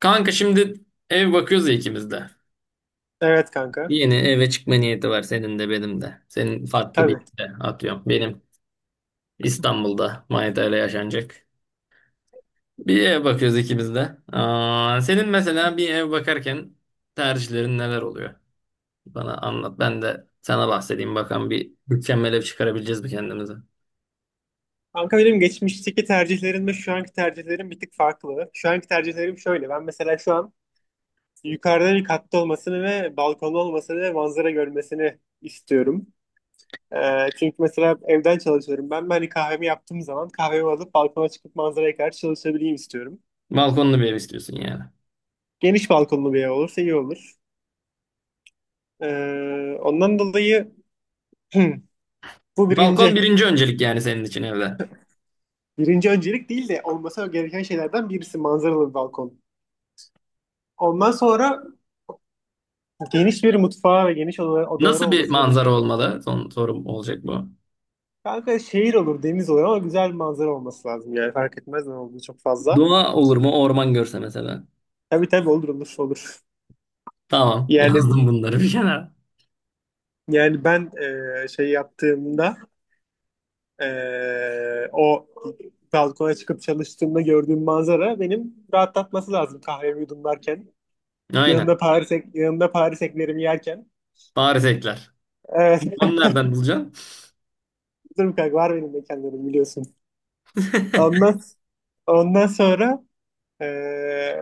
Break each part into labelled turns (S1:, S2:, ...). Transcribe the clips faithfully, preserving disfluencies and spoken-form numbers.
S1: Kanka şimdi ev bakıyoruz ya ikimiz de.
S2: Evet kanka.
S1: Yeni eve çıkma niyeti var senin de benim de. Senin farklı bir
S2: Tabii.
S1: de atıyorum. Benim İstanbul'da Manita ile yaşanacak. Bir ev bakıyoruz ikimiz de. Aa, senin mesela bir ev bakarken tercihlerin neler oluyor? Bana anlat. Ben de sana bahsedeyim. Bakalım bir mükemmel ev çıkarabileceğiz mi kendimize?
S2: Kanka benim geçmişteki tercihlerimle şu anki tercihlerim bir tık farklı. Şu anki tercihlerim şöyle. Ben mesela şu an yukarıda bir katta olmasını ve balkonlu olmasını ve manzara görmesini istiyorum. Ee, çünkü mesela evden çalışıyorum. Ben, ben hani kahvemi yaptığım zaman kahvemi alıp balkona çıkıp manzaraya karşı çalışabileyim istiyorum.
S1: Balkonlu bir ev istiyorsun yani.
S2: Geniş balkonlu bir ev olursa iyi olur. Ee, Ondan dolayı bu
S1: Balkon
S2: birinci.
S1: birinci öncelik yani senin için evde.
S2: Birinci öncelik değil de olması gereken şeylerden birisi manzaralı bir balkon. Ondan sonra geniş bir mutfağı ve geniş oda- odaları
S1: Nasıl bir
S2: olması, böyle bir
S1: manzara
S2: şey.
S1: olmalı? Son sorum olacak bu.
S2: Kanka şehir olur, deniz olur ama güzel bir manzara olması lazım. Yani fark etmez ne olduğu çok fazla.
S1: Doğa olur mu? Orman görse mesela.
S2: Tabii tabii, olur olur olur.
S1: Tamam.
S2: Yani
S1: Yazdım bunları bir kenara.
S2: yani ben e, şey yaptığımda e, o balkona çıkıp çalıştığımda gördüğüm manzara benim rahatlatması lazım kahvemi yudumlarken.
S1: Aynen.
S2: Yanında Paris, ek- yanında Paris eklerimi yerken.
S1: Bari ekler.
S2: Evet,
S1: Onu nereden bulacaksın?
S2: dur bir kanka var, benim mekanlarım biliyorsun. Ondan, ondan sonra Ee,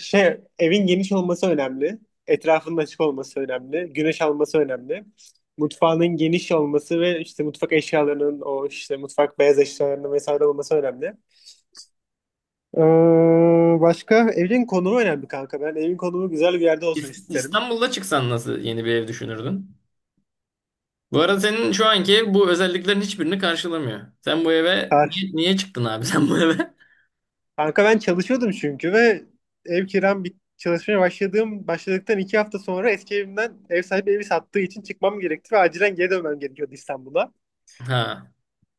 S2: şey evin geniş olması önemli. Etrafının açık olması önemli. Güneş alması önemli. Mutfağının geniş olması ve işte mutfak eşyalarının, o işte mutfak beyaz eşyalarının vesaire olması önemli. Ee, başka, evin konumu önemli kanka. Ben evin konumu güzel bir yerde olsun
S1: İs-
S2: isterim.
S1: İstanbul'da çıksan nasıl yeni bir ev düşünürdün? Bu arada senin şu anki ev bu özelliklerin hiçbirini karşılamıyor. Sen bu eve
S2: Kar-
S1: niye, niye çıktın abi sen bu eve?
S2: Kanka ben çalışıyordum çünkü ve ev kiram bit çalışmaya başladığım başladıktan iki hafta sonra eski evimden ev sahibi evi sattığı için çıkmam gerekti ve acilen geri dönmem gerekiyordu İstanbul'a.
S1: Ha.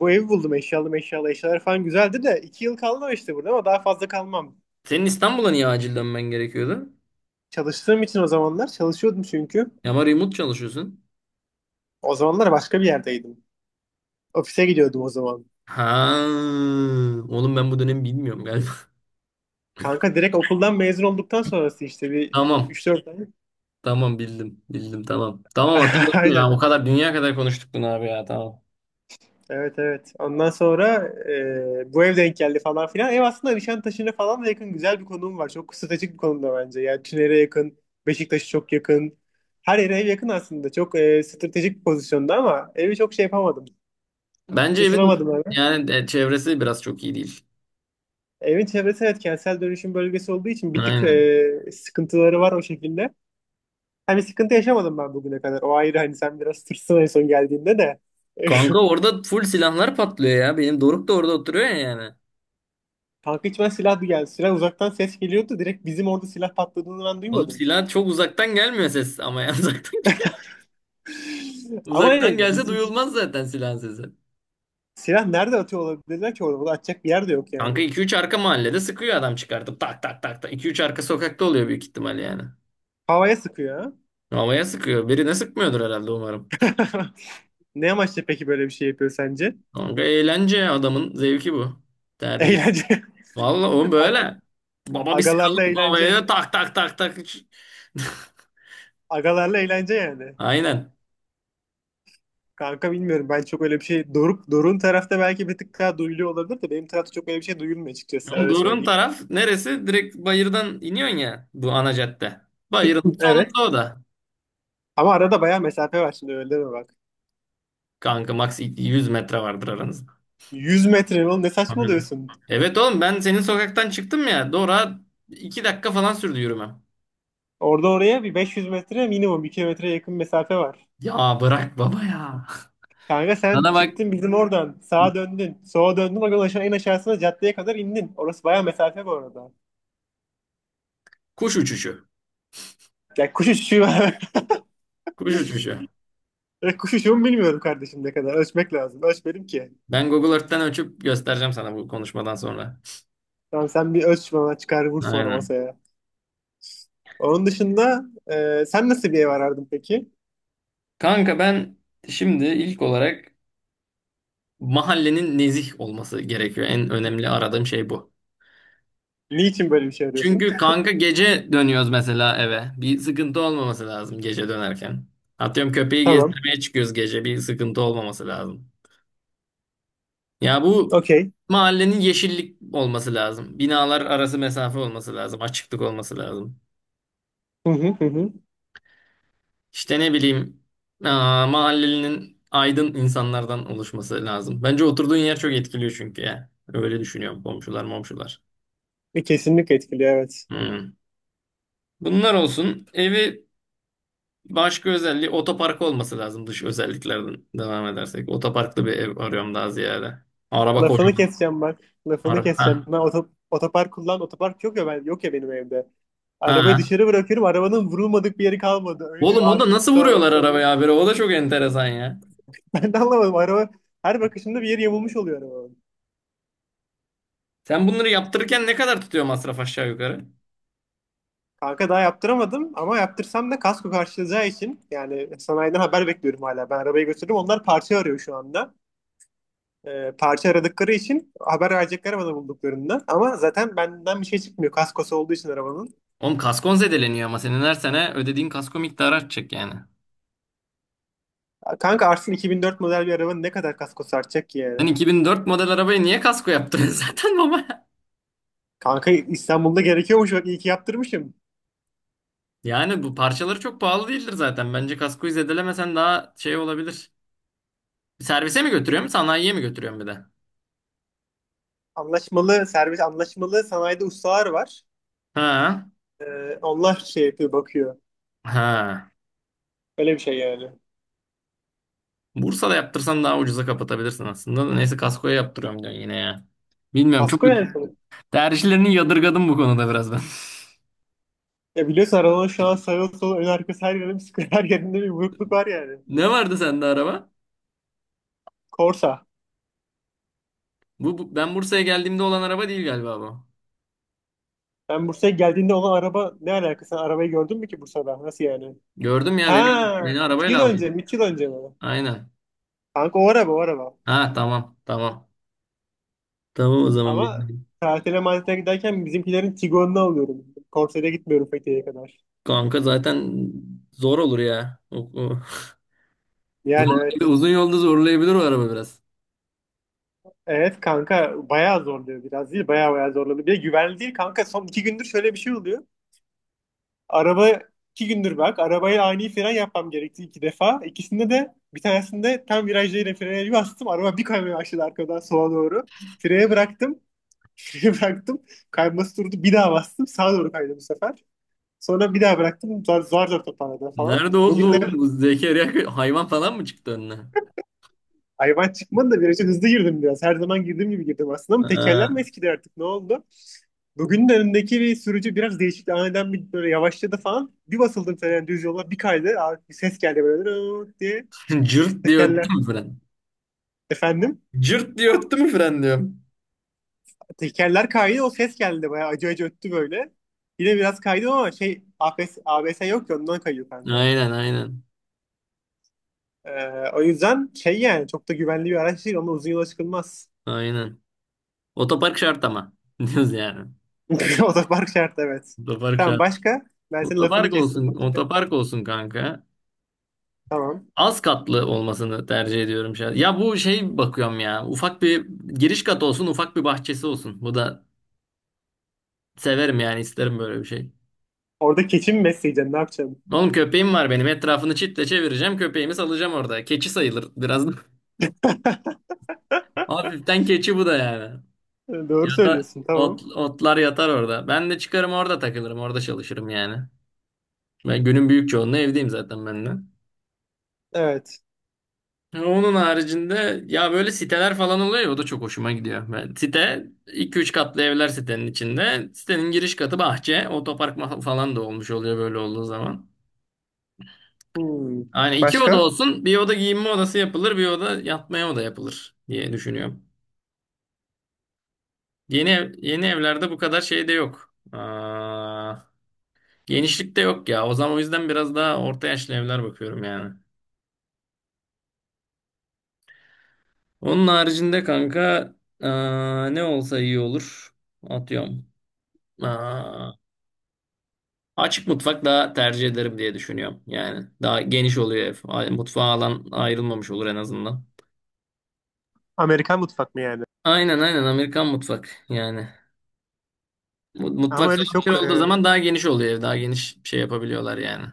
S2: Bu evi buldum, eşyalı meşyalı, eşyalar falan güzeldi de iki yıl kaldım işte burada ama daha fazla kalmam.
S1: Senin İstanbul'a niye acil dönmen gerekiyordu?
S2: Çalıştığım için, o zamanlar çalışıyordum çünkü.
S1: Ama remote çalışıyorsun.
S2: O zamanlar başka bir yerdeydim. Ofise gidiyordum o zaman.
S1: Ha. Oğlum ben bu dönemi bilmiyorum galiba.
S2: Kanka direkt okuldan mezun olduktan sonrası işte bir
S1: Tamam.
S2: üç dört ay.
S1: Tamam bildim. Bildim tamam. Tamam hatırladım ya.
S2: Aynen.
S1: O kadar dünya kadar konuştuk bunu abi ya. Tamam.
S2: Evet evet. Ondan sonra e, bu ev denk geldi falan filan. Ev aslında Nişantaşı'na falan da yakın, güzel bir konum var. Çok stratejik bir konumda bence. Yani Tüner'e yakın, Beşiktaş'a çok yakın. Her yere ev yakın aslında. Çok e, stratejik bir pozisyonda ama evi çok şey yapamadım.
S1: Bence evin
S2: Isınamadım abi.
S1: yani e, çevresi biraz çok iyi değil.
S2: Evin çevresi, evet, kentsel dönüşüm bölgesi olduğu için bir tık
S1: Aynen.
S2: e, sıkıntıları var o şekilde. Hani sıkıntı yaşamadım ben bugüne kadar. O ayrı, hani sen biraz tırsın en son geldiğinde de.
S1: Kanka orada full silahlar patlıyor ya. Benim Doruk da orada oturuyor ya yani.
S2: Kanka hiç, ben silah bir geldi. Silah uzaktan ses geliyordu. Direkt bizim orada silah patladığını ben
S1: Oğlum
S2: duymadım.
S1: silah çok uzaktan gelmiyor ses ama ya uzaktan geliyor.
S2: Ama
S1: Uzaktan
S2: hani
S1: gelse
S2: bizim
S1: duyulmaz zaten silahın sesi.
S2: silah nerede atıyor olabilirler ki orada? Bunu atacak bir yer de yok yani.
S1: Kanka iki üç arka mahallede sıkıyor adam çıkartıp tak tak tak tak. İki üç arka sokakta oluyor büyük ihtimal yani.
S2: Havaya sıkıyor ha.
S1: Havaya sıkıyor. Birine sıkmıyordur herhalde umarım.
S2: Ne amaçla peki böyle bir şey yapıyor sence?
S1: Kanka eğlence adamın zevki bu. Tercih.
S2: Eğlence.
S1: Vallahi oğlum
S2: A-
S1: böyle. Baba bir
S2: Agalarla
S1: sıkalım
S2: eğlence.
S1: havaya tak tak tak tak.
S2: Agalarla eğlence yani.
S1: Aynen.
S2: Kanka bilmiyorum, ben çok öyle bir şey, Doruk Doruk'un tarafta belki bir tık daha duyuluyor olabilir de benim tarafta çok öyle bir şey duyulmuyor açıkçası,
S1: Ama
S2: öyle
S1: Doğru'nun
S2: söyleyeyim.
S1: taraf neresi? Direkt bayırdan iniyorsun ya bu ana cadde. Bayırın
S2: Evet.
S1: sonunda o da.
S2: Ama arada bayağı mesafe var şimdi, öyle deme bak.
S1: Kanka max yüz metre vardır aranızda.
S2: yüz metre mi oğlum, ne
S1: Aynen.
S2: saçmalıyorsun?
S1: Evet oğlum ben senin sokaktan çıktım ya. Doğru iki dakika falan sürdü yürümem.
S2: Orada oraya bir beş yüz metre minimum, bir kilometreye yakın mesafe var.
S1: Ya bırak baba ya.
S2: Kanka sen
S1: Sana bak
S2: çıktın bizim oradan, sağa döndün, sola döndün, oradan aşağı en aşağısına caddeye kadar indin. Orası bayağı mesafe bu arada.
S1: kuş uçuşu.
S2: Ya kuş uçuşu var.
S1: Kuş uçuşu.
S2: Ya kuş uçuşu mu, bilmiyorum kardeşim, ne kadar ölçmek lazım. Ölçmedim ki.
S1: Ben Google Earth'ten ölçüp göstereceğim sana bu konuşmadan sonra.
S2: Tamam, sen bir ölç, bana çıkar vur sonra
S1: Aynen.
S2: masaya. Onun dışında e, sen nasıl bir ev arardın peki?
S1: Kanka ben şimdi ilk olarak mahallenin nezih olması gerekiyor. En önemli aradığım şey bu.
S2: Niçin böyle bir şey arıyorsun?
S1: Çünkü kanka gece dönüyoruz mesela eve. Bir sıkıntı olmaması lazım gece dönerken. Atıyorum köpeği
S2: Tamam.
S1: gezdirmeye çıkıyoruz gece. Bir sıkıntı olmaması lazım. Ya bu
S2: Okey.
S1: mahallenin yeşillik olması lazım. Binalar arası mesafe olması lazım. Açıklık olması lazım.
S2: Hı hı hı hı.
S1: İşte ne bileyim, aa, mahallenin aydın insanlardan oluşması lazım. Bence oturduğun yer çok etkiliyor çünkü ya. Öyle düşünüyorum komşular momşular.
S2: E, kesinlikle etkiliyor evet.
S1: Hmm. Bunlar olsun. Evi. Başka özelliği otopark olması lazım dış özelliklerden devam edersek. Otoparklı bir ev arıyorum daha ziyade. Araba
S2: Lafını
S1: kocaman.
S2: keseceğim bak. Lafını
S1: Araba
S2: keseceğim.
S1: ha.
S2: Ben oto- otopark kullan. Otopark yok ya, ben, yok ya benim evde. Arabayı
S1: Ha.
S2: dışarı bırakıyorum. Arabanın vurulmadık bir yeri kalmadı. Önü,
S1: Oğlum o da
S2: arkası,
S1: nasıl
S2: sağı,
S1: vuruyorlar
S2: solu.
S1: arabaya habire? O da çok enteresan ya.
S2: Ben de anlamadım. Araba her bakışımda bir yeri yamulmuş oluyor arabanın.
S1: Sen bunları yaptırırken ne kadar tutuyor masraf aşağı yukarı?
S2: Kanka daha yaptıramadım ama yaptırsam da kasko karşılayacağı için, yani sanayiden haber bekliyorum hala. Ben arabayı götürdüm. Onlar parça arıyor şu anda. E, parça aradıkları için haber verecekler bana bulduklarında. Ama zaten benden bir şey çıkmıyor. Kaskosu olduğu için arabanın.
S1: Oğlum kaskon zedeleniyor ama senin her sene ödediğin kasko miktarı artacak yani.
S2: Kanka Arslan, iki bin dört model bir arabanın ne kadar kaskosu artacak ki
S1: Sen
S2: yani?
S1: iki bin dört model arabaya niye kasko yaptırıyorsun zaten baba?
S2: Kanka İstanbul'da gerekiyormuş bak, iyi ki yaptırmışım.
S1: Yani bu parçaları çok pahalı değildir zaten. Bence kaskoyu zedelemesen daha şey olabilir. Servise mi götürüyorum, sanayiye mi götürüyorum bir de?
S2: Anlaşmalı servis, anlaşmalı sanayide ustalar var.
S1: Ha.
S2: E, onlar şey yapıyor, bakıyor.
S1: Ha.
S2: Öyle bir şey yani.
S1: Bursa'da yaptırsan daha ucuza kapatabilirsin aslında. Da. Neyse kaskoya yaptırıyorum diyorsun yine ya. Bilmiyorum, çok
S2: Kasko yani, sonuçta.
S1: tercihlerini yadırgadım bu konuda biraz ben.
S2: Ya biliyorsun arabanın şu an sağ sol ön arkası, her yerinde bir sıkıntı, her yerinde bir burukluk var yani.
S1: Ne vardı sende araba?
S2: Korsa.
S1: Bu, bu- ben Bursa'ya geldiğimde olan araba değil galiba bu.
S2: Ben Bursa'ya geldiğinde olan araba, ne alakası? Sen arabayı gördün mü ki Bursa'da? Nasıl yani?
S1: Gördüm ya, beni
S2: Ha,
S1: beni
S2: iki yıl
S1: arabayla aldı.
S2: önce mi? İki yıl önce mi?
S1: Aynen.
S2: Kanka o araba, o araba.
S1: Ha, tamam tamam. Tamam o zaman
S2: Ama
S1: bildim.
S2: tatile matile giderken bizimkilerin Tiguan'ını alıyorum. Konsere gitmiyorum Fethiye'ye kadar.
S1: Kanka zaten zor olur ya. O, o-
S2: Yani
S1: Zorlayabilir,
S2: evet.
S1: uzun yolda zorlayabilir o araba biraz.
S2: Evet kanka bayağı zorluyor, biraz değil. Bayağı bayağı zorluyor. Bir de güvenli değil kanka. Son iki gündür şöyle bir şey oluyor. Araba iki gündür bak. Arabaya ani fren yapmam gerekti iki defa. İkisinde de, bir tanesinde tam virajda yine frene bir bastım. Araba bir kaymaya başladı arkadan sola doğru. Freye bıraktım. Freye bıraktım. Kayması durdu. Bir daha bastım. Sağa doğru kaydı bu sefer. Sonra bir daha bıraktım. Zar zar, zor toparladım falan.
S1: Nerede oldu
S2: Bugünler de
S1: oğlum? Bu Zekeriya hayvan falan mı çıktı önüne?
S2: hayvan çıkmadı da viraja hızlı girdim biraz. Her zaman girdiğim gibi girdim aslında ama tekerler mi
S1: Ha.
S2: eskidi, artık ne oldu? Bugün de önümdeki bir sürücü biraz değişikti. Aniden bir böyle yavaşladı falan. Bir basıldım falan, yani düz yola bir kaydı. Abi bir ses geldi böyle "Rrrt" diye.
S1: Cırt diye öttü
S2: Tekerler.
S1: mü fren?
S2: Efendim?
S1: Cırt diye öttü mü fren diyorum.
S2: Tekerler kaydı, o ses geldi, bayağı acı acı öttü böyle. Yine biraz kaydım ama şey A B S, A B S yok ya, ondan kayıyor kanka.
S1: Aynen aynen.
S2: Ee, o yüzden şey, yani çok da güvenli bir araç değil. Onunla uzun yola çıkılmaz.
S1: Aynen. Otopark şart ama. Diyoruz yani.
S2: Otopark şart, evet.
S1: Otopark
S2: Tamam,
S1: şart.
S2: başka? Ben senin lafını
S1: Otopark
S2: kestim
S1: olsun.
S2: bak.
S1: Otopark olsun kanka.
S2: Tamam.
S1: Az katlı olmasını tercih ediyorum şahsen. Ya bu şey bakıyorum ya. Ufak bir giriş katı olsun. Ufak bir bahçesi olsun. Bu da severim yani. İsterim böyle bir şey.
S2: Orada keçi mi besleyeceksin? Ne yapacaksın?
S1: Oğlum köpeğim var benim. Etrafını çitle çevireceğim. Köpeğimi salacağım orada. Keçi sayılır biraz. Hafiften keçi bu da yani.
S2: Doğru
S1: Yatar,
S2: söylüyorsun.
S1: ot,
S2: Tamam.
S1: otlar yatar orada. Ben de çıkarım orada takılırım. Orada çalışırım yani. Ben günün büyük çoğunluğu evdeyim zaten ben de.
S2: Evet.
S1: Onun haricinde ya böyle siteler falan oluyor ya, o da çok hoşuma gidiyor. Ben, site iki üç katlı evler sitenin içinde. Sitenin giriş katı bahçe. Otopark ma- falan da olmuş oluyor böyle olduğu zaman.
S2: Hmm.
S1: Yani iki oda
S2: Başka?
S1: olsun. Bir oda giyinme odası yapılır. Bir oda yatmaya oda yapılır diye düşünüyorum. Yeni ev- yeni evlerde bu kadar şey de yok. Aa, genişlik de yok ya. O zaman o yüzden biraz daha orta yaşlı evler bakıyorum yani. Onun haricinde kanka, aa, ne olsa iyi olur. Atıyorum. Aa, açık mutfak daha tercih ederim diye düşünüyorum. Yani daha geniş oluyor ev. A- Mutfağa alan ayrılmamış olur en azından.
S2: Amerikan mutfak mı yani?
S1: Aynen aynen, Amerikan mutfak yani. Mu-
S2: Ama
S1: Mutfak
S2: öyle
S1: salonu bir
S2: çok
S1: olduğu
S2: e,
S1: zaman daha geniş oluyor ev. Daha geniş şey yapabiliyorlar yani.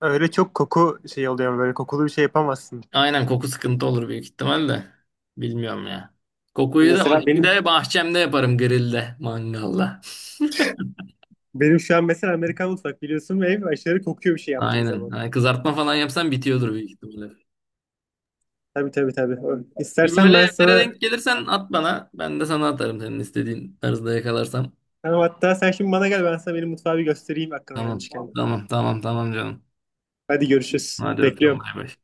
S2: öyle çok koku şey oluyor. Böyle kokulu bir şey yapamazsın.
S1: Aynen, koku sıkıntı olur büyük ihtimalle. Bilmiyorum ya. Kokuyu da o
S2: Mesela benim
S1: şekilde bahçemde yaparım grillde, mangalda.
S2: benim şu an mesela Amerikan mutfak biliyorsun ve ev aşırı kokuyor bir şey yaptığım
S1: Aynen.
S2: zaman.
S1: Yani kızartma falan yapsan bitiyordur büyük ihtimalle.
S2: Tabii tabii tabii. Ö-
S1: Bir
S2: İstersen
S1: böyle
S2: ben
S1: evlere
S2: sana
S1: denk gelirsen at bana. Ben de sana atarım senin istediğin tarzda yakalarsam.
S2: tamam, hatta sen şimdi bana gel, ben sana benim mutfağı bir göstereyim aklına
S1: Tamam.
S2: gelmişken.
S1: Tamam. Tamam. Tamam canım.
S2: Hadi görüşürüz.
S1: Hadi öptüm.
S2: Bekliyorum.
S1: Bay bay.